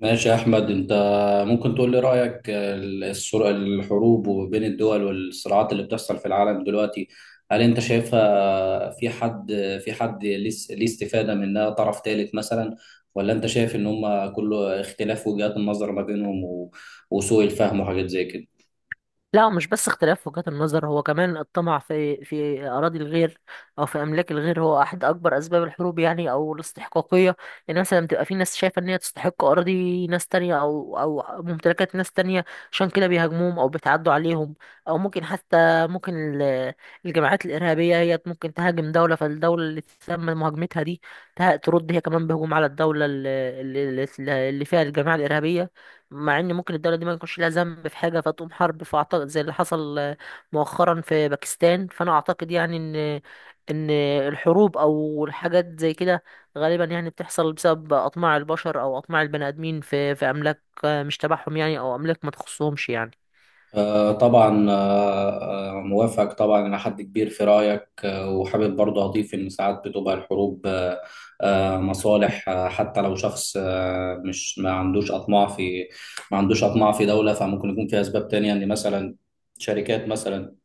ماشي يا أحمد. أنت ممكن تقول لي رأيك الحروب بين الدول والصراعات اللي بتحصل في العالم دلوقتي؟ هل أنت شايفها في حد ليه استفادة منها طرف ثالث مثلا، ولا أنت شايف إن هما كله اختلاف وجهات النظر ما بينهم وسوء الفهم وحاجات زي كده؟ لا مش بس اختلاف وجهات النظر، هو كمان الطمع في أراضي الغير أو في أملاك الغير هو أحد أكبر أسباب الحروب يعني أو الاستحقاقية. يعني مثلا بتبقى في ناس شايفة إن هي تستحق أراضي ناس تانية أو ممتلكات ناس تانية، عشان كده بيهاجموهم أو بيتعدوا عليهم. أو ممكن حتى ممكن ال- الجماعات الإرهابية هي ممكن تهاجم دولة، فالدولة اللي تم مهاجمتها دي ترد هي كمان بهجوم على الدولة اللي اللي فيها الجماعة الإرهابية. مع ان ممكن الدوله دي ما يكونش لها ذنب في حاجه فتقوم حرب. فاعتقد زي اللي حصل مؤخرا في باكستان. فانا اعتقد يعني ان ان الحروب او الحاجات زي كده غالبا يعني بتحصل بسبب اطماع البشر او اطماع البني ادمين في املاك مش تبعهم يعني، او املاك ما تخصهمش يعني. آه، طبعا آه، آه، موافق طبعا إلى حد كبير في رأيك، وحابب برضه أضيف إن ساعات بتبقى الحروب مصالح. حتى لو شخص آه، مش ما عندوش أطماع في دولة، فممكن يكون في أسباب تانية، إن مثلا شركات مثلا،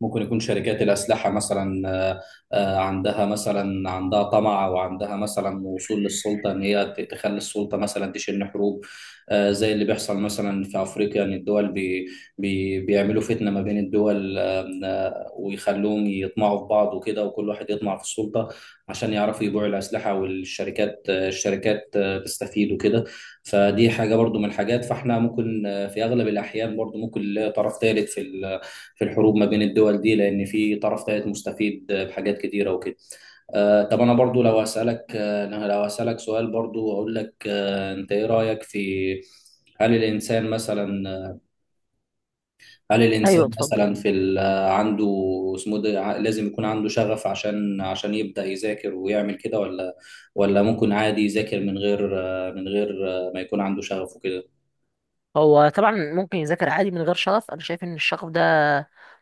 ممكن يكون شركات الأسلحة مثلا، عندها مثلا عندها طمع، أو عندها مثلا وصول للسلطة، إن هي تخلي السلطة مثلا تشن حروب. زي اللي بيحصل مثلا في أفريقيا، إن الدول بي بي بيعملوا فتنة ما بين الدول، ويخلوهم يطمعوا في بعض وكده، وكل واحد يطمع في السلطة عشان يعرفوا يبيعوا الأسلحة، والشركات آه، الشركات آه، تستفيد وكده. فدي حاجة برضو من الحاجات، فاحنا ممكن، في أغلب الأحيان برضو، ممكن نلاقي طرف ثالث في الحروب ما بين الدول دي، لان في طرف ثالث مستفيد بحاجات كتيره وكده. طب انا برضو لو اسالك، سؤال برضو اقول لك، انت ايه رايك في، هل الانسان مثلا هل ايوه الانسان اتفضل. مثلا في ال- آه، عنده اسمه ده، لازم يكون عنده شغف عشان عشان يبدا يذاكر ويعمل كده، ولا ممكن عادي يذاكر من غير من غير ما يكون عنده شغف وكده؟ هو طبعا ممكن يذاكر عادي من غير شغف. انا شايف ان الشغف ده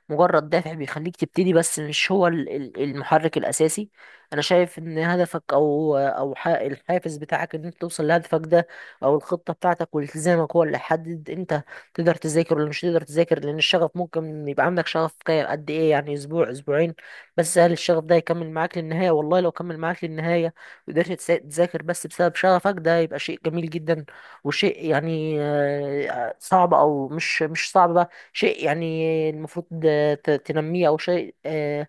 مجرد دافع بيخليك تبتدي، بس مش هو المحرك الاساسي. انا شايف ان هدفك او الحافز بتاعك، ان انت توصل لهدفك ده او الخطه بتاعتك والتزامك، هو اللي يحدد انت تقدر تذاكر ولا مش تقدر تذاكر. لان الشغف ممكن يبقى عندك شغف كام قد ايه؟ يعني اسبوع، اسبوعين. بس هل الشغف ده يكمل معاك للنهايه؟ والله لو كمل معاك للنهايه وقدرت تذاكر بس بسبب شغفك ده يبقى شيء جميل جدا، وشيء يعني آه، صعب او مش صعب، بقى شيء يعني المفروض تنميه، او شيء آه،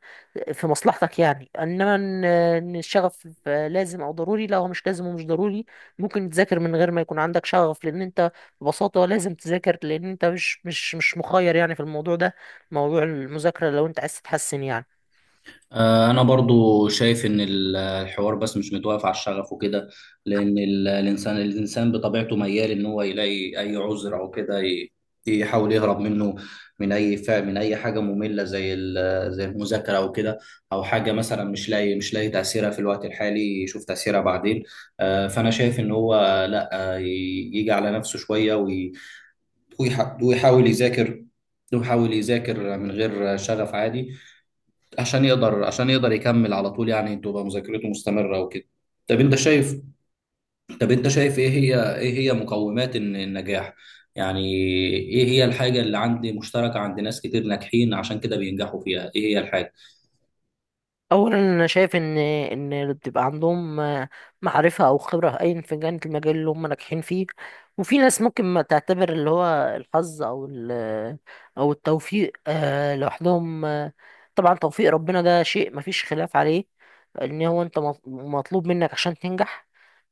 في مصلحتك يعني. انما ان إن الشغف آه، لازم او ضروري، لا هو مش لازم ومش ضروري. ممكن تذاكر من غير ما يكون عندك شغف، لان انت ببساطه لازم تذاكر لان انت مش مخير يعني في الموضوع ده، موضوع المذاكره، لو انت عايز تتحسن يعني. أنا برضو شايف إن الحوار بس مش متوقف على الشغف وكده، لأن الإنسان بطبيعته ميال إن هو يلاقي أي عذر أو كده، يحاول يهرب منه، من أي فعل، من أي حاجة مملة زي المذاكرة أو كده، أو حاجة مثلا مش لاقي تأثيرها في الوقت الحالي، يشوف تأثيرها بعدين. فأنا شايف إن هو لأ، يجي على نفسه شوية ويحاول يذاكر من غير شغف عادي، عشان يقدر يكمل على طول، يعني تبقى مذاكرته مستمرة وكده. طب انت شايف طب انت شايف ايه هي مقومات النجاح يعني؟ ايه هي الحاجة اللي عندي مشتركة عند ناس كتير ناجحين عشان كده بينجحوا فيها؟ ايه هي الحاجة؟ اولا انا شايف ان اللي بتبقى عندهم آه، معرفه او خبره ايا في كانت المجال اللي هم ناجحين فيه. وفي ناس ممكن ما تعتبر اللي هو الحظ او التوفيق آه، لوحدهم آه، طبعا توفيق ربنا ده شيء مفيش خلاف عليه، ان هو انت مطلوب منك عشان تنجح.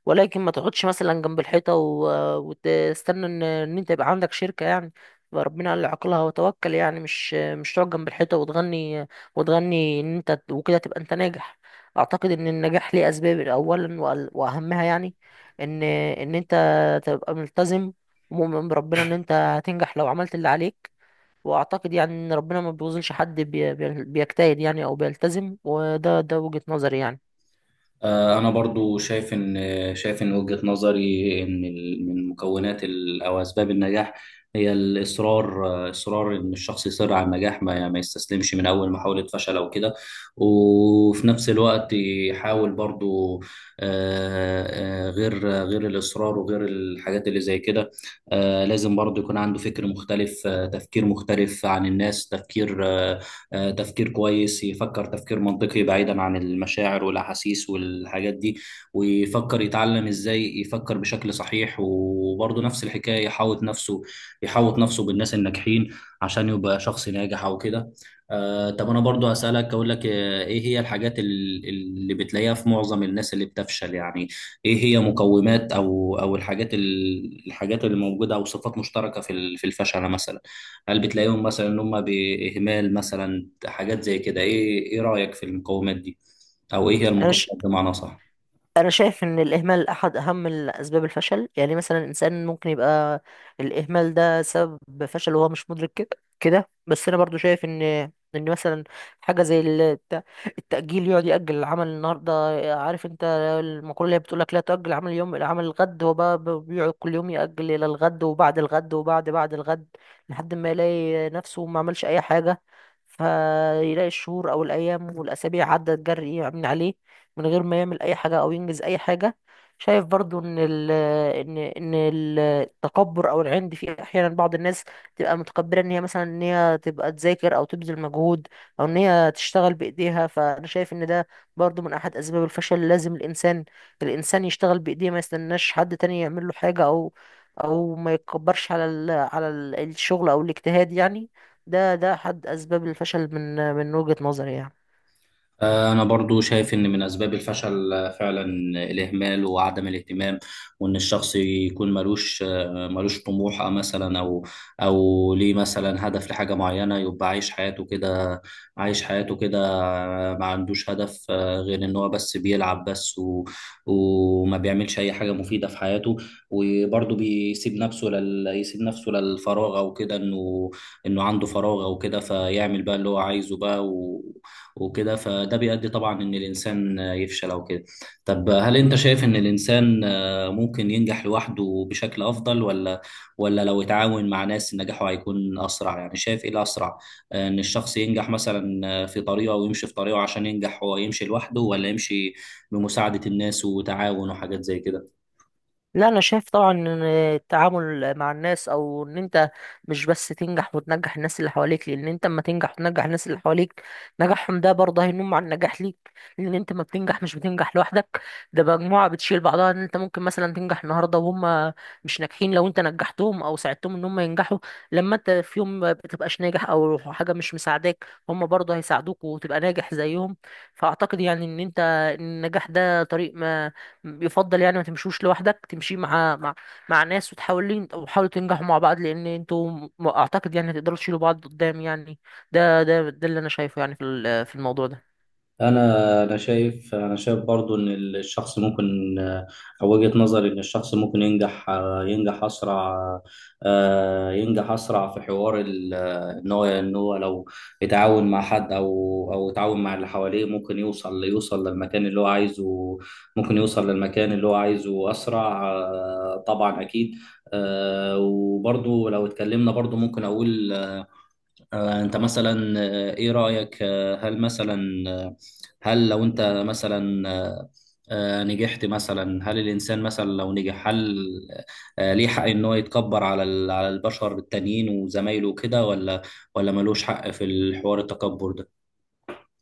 ولكن ما تقعدش مثلا جنب الحيطة وتستنى ان انت يبقى عندك شركة يعني. فربنا قال لي، عقلها وتوكل. يعني مش مش تقعد جنب الحيطة وتغني، وتغني ان انت وكده تبقى انت ناجح. اعتقد ان النجاح ليه اسباب، اولا واهمها يعني ان ان انت تبقى ملتزم ومؤمن بربنا ان انت هتنجح لو عملت اللي عليك. واعتقد يعني ان ربنا ما بيوظنش حد بيجتهد يعني او بيلتزم. وده ده وجهة نظري يعني. أنا برضو شايف إن وجهة نظري إن من مكونات أو أسباب النجاح هي الإصرار. إصرار إن الشخص يصر على النجاح، ما يستسلمش من أول محاولة فشل أو كده. وفي نفس الوقت يحاول برضو، غير الإصرار وغير الحاجات اللي زي كده، لازم برضو يكون عنده فكر مختلف، تفكير مختلف عن الناس، تفكير آه، آه، تفكير كويس، يفكر تفكير منطقي بعيدا عن المشاعر والأحاسيس والحاجات دي، ويفكر يتعلم إزاي يفكر بشكل صحيح. وبرضه نفس الحكاية، يحاوط نفسه بالناس الناجحين عشان يبقى شخص ناجح أو كده. طب أنا برضه هسألك، أقول لك إيه هي الحاجات اللي بتلاقيها في معظم الناس اللي بتفشل يعني؟ إيه هي مقومات أو الحاجات الحاجات اللي موجودة، أو صفات مشتركة في الفشل مثلا؟ هل بتلاقيهم مثلا ان هم باهمال مثلا، حاجات زي كده؟ ايه رايك في المقومات دي، او ايه هي انا المقومات بمعنى صح؟ انا شايف ان الاهمال احد اهم اسباب الفشل. يعني مثلا الانسان ممكن يبقى الاهمال ده سبب فشل وهو مش مدرك كده. كده بس انا برضو شايف ان مثلا حاجه زي التاجيل، يقعد ياجل العمل النهارده. عارف انت المقوله اللي بتقول لك، لا تؤجل عمل اليوم الى عمل الغد. هو بقى بيقعد كل يوم ياجل الى الغد، وبعد الغد، وبعد الغد، لحد ما يلاقي نفسه ما عملش اي حاجه، فيلاقي الشهور او الايام والاسابيع عدت جري من عليه من غير ما يعمل اي حاجه او ينجز اي حاجه. شايف برضو ان ال ان ان ال- التكبر او العند في احيانا بعض الناس تبقى متكبره، ان هي مثلا ان هي تبقى تذاكر او تبذل مجهود او ان هي تشتغل بايديها. فانا شايف ان ده برضو من احد اسباب الفشل. لازم الانسان يشتغل بايديه، ما يستناش حد تاني يعمل له حاجه، او او ما يتكبرش على ال على الشغل او الاجتهاد يعني. ده ده احد اسباب الفشل من من وجهة نظري يعني. أنا برضو شايف إن من أسباب الفشل فعلا الإهمال وعدم الاهتمام، وإن الشخص يكون ملوش طموح، أو مثلا أو ليه مثلا هدف لحاجة معينة، يبقى عايش حياته كده، ما عندوش هدف غير إن هو بس بيلعب بس، وما بيعملش أي حاجة مفيدة في حياته. وبرضو بيسيب نفسه يسيب نفسه للفراغ أو كده، إنه عنده فراغ أو كده، فيعمل بقى اللي هو عايزه بقى وكده، فده بيؤدي طبعا ان الانسان يفشل او كده. طب هل انت شايف ان الانسان ممكن ينجح لوحده بشكل افضل، ولا لو اتعاون مع ناس نجاحه هيكون اسرع؟ يعني شايف ايه الاسرع، ان الشخص ينجح مثلا في طريقه ويمشي في طريقه عشان ينجح، هو يمشي لوحده، ولا يمشي بمساعدة الناس وتعاون وحاجات زي كده؟ لا انا شايف طبعا ان التعامل مع الناس، او ان انت مش بس تنجح وتنجح الناس اللي حواليك. لان انت اما تنجح وتنجح الناس اللي حواليك، نجاحهم ده برضه هينم على النجاح ليك. لان انت ما بتنجح مش بتنجح لوحدك. ده مجموعة بتشيل بعضها. ان انت ممكن مثلا تنجح النهارده وهم مش ناجحين، لو انت نجحتهم او ساعدتهم ان هم ينجحوا، لما انت في يوم ما بتبقاش ناجح او حاجة مش مساعداك، هم برضه هيساعدوك وتبقى ناجح زيهم. فاعتقد يعني ان انت النجاح ده طريق يفضل يعني ما تمشوش لوحدك، تمشي مع ناس وتحاولين وحاولوا تنجحوا مع بعض، لان انتوا اعتقد يعني هتقدروا تشيلوا بعض قدام يعني. ده اللي انا شايفه يعني في الموضوع ده. انا انا شايف انا شايف برضو ان الشخص ممكن، او وجهة نظري ان الشخص ممكن ينجح اسرع، ينجح اسرع في حوار ال- ان هو ان هو لو يتعاون مع حد، او يتعاون مع اللي حواليه، ممكن يوصل للمكان اللي هو عايزه، اسرع، طبعا اكيد. وبرضو لو اتكلمنا برضو ممكن اقول، انت مثلا، ايه رأيك، هل مثلا، آه، هل لو انت مثلا آه، آه، نجحت مثلا، هل الانسان مثلا لو نجح، هل ليه حق ان هو يتكبر على البشر التانيين وزمايله وكده، ولا ملوش حق في الحوار التكبر ده؟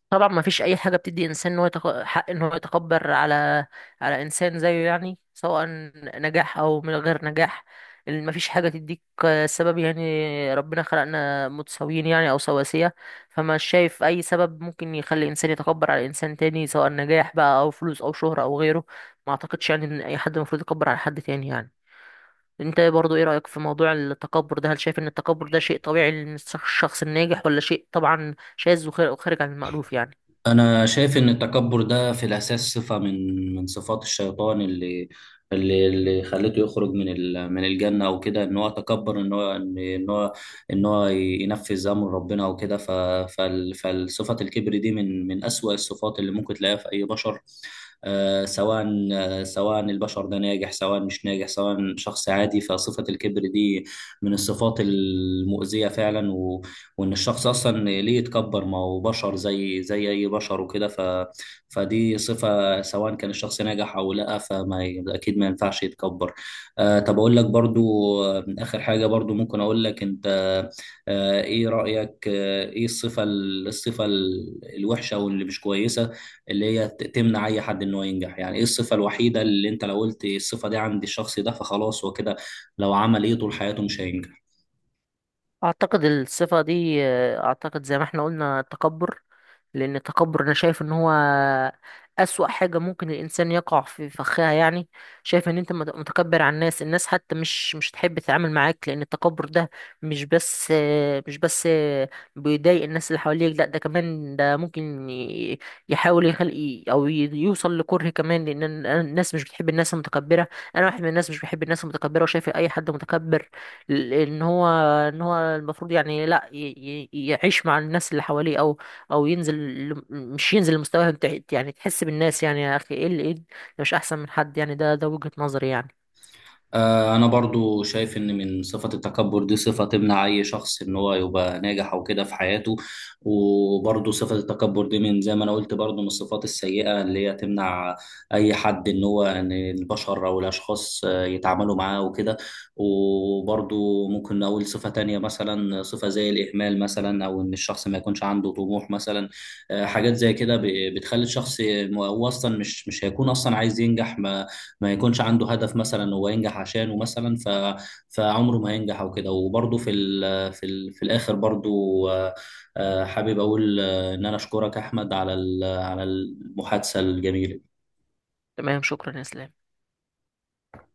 طبعا ما فيش اي حاجه بتدي انسان ان هو حق ان هو يتكبر على انسان زيه يعني، سواء نجاح او من غير نجاح. ما فيش حاجه تديك آه، سبب. يعني ربنا خلقنا متساويين يعني او سواسيه. فما شايف اي سبب ممكن يخلي انسان يتكبر على انسان تاني، سواء نجاح بقى او فلوس او شهره او غيره. ما اعتقدش يعني ان اي حد المفروض يتكبر على حد تاني يعني. انت برضو ايه رايك في موضوع التكبر ده؟ هل شايف ان التكبر ده شيء طبيعي للشخص الناجح ولا شيء طبعا شاذ وخارج عن المألوف يعني؟ أنا شايف إن التكبر ده في الأساس صفة من صفات الشيطان اللي خلته يخرج من الجنة أو كده، إن هو تكبر، إن هو ينفذ أمر ربنا أو كده. فالصفة الكبر دي من أسوأ الصفات اللي ممكن تلاقيها في أي بشر، آه، سواء سواء البشر ده ناجح، سواء مش ناجح، سواء شخص عادي، فصفة الكبر دي من الصفات المؤذية فعلا. وان الشخص اصلا ليه يتكبر؟ ما هو بشر زي اي بشر وكده. فدي صفة، سواء كان الشخص ناجح او لا، اكيد ما ينفعش يتكبر. طب اقول لك برضو، اخر حاجة برضو ممكن اقول لك انت، ايه رأيك، ايه الصفة الوحشة او اللي مش كويسة، اللي هي تمنع اي حد انه ينجح يعني؟ ايه الصفة الوحيدة اللي انت لو قلت الصفة دي عند الشخص ده فخلاص هو كده، لو عمل ايه طول حياته مش هينجح؟ اعتقد الصفة دي آه، اعتقد زي ما احنا قلنا التكبر. لان التكبر انا شايف ان هو اسوأ حاجة ممكن الانسان يقع في فخها يعني. شايف ان انت متكبر على الناس، الناس حتى مش تحب تتعامل معاك. لان التكبر ده مش بس آه، مش بس آه، بيضايق الناس اللي حواليك، لا ده كمان ده ممكن يحاول يخلق او يوصل لكره كمان. لان الناس مش بتحب الناس المتكبرة. انا واحد من الناس مش بحب الناس المتكبرة. وشايف اي حد متكبر، ان هو المفروض يعني، لا يعيش مع الناس اللي حواليه، او او ينزل، مش ينزل لمستواهم تحت يعني، تحس بالناس يعني. يا اخي ايه اللي ايه ده؟ مش احسن من حد يعني. ده ده وجهة نظري يعني. أنا برضو شايف إن من صفة التكبر دي، صفة تمنع أي شخص إن هو يبقى ناجح أو كده في حياته. وبرضو صفة التكبر دي، من زي ما أنا قلت برضو، من الصفات السيئة اللي هي تمنع أي حد إن هو، إن البشر أو الأشخاص، يتعاملوا معاه وكده. وبرضو ممكن نقول صفة تانية، مثلا صفة زي الإهمال مثلا، أو إن الشخص ما يكونش عنده طموح مثلا. حاجات زي كده بتخلي الشخص هو أصلا مش هيكون أصلا عايز ينجح، ما يكونش عنده هدف مثلا هو ينجح عشانه مثلا. فعمره ما ينجح او كده. وبرضه في الاخر برضه، آه، حابب اقول ان انا اشكرك احمد على المحادثة الجميلة. تمام، شكرا يا اسلام.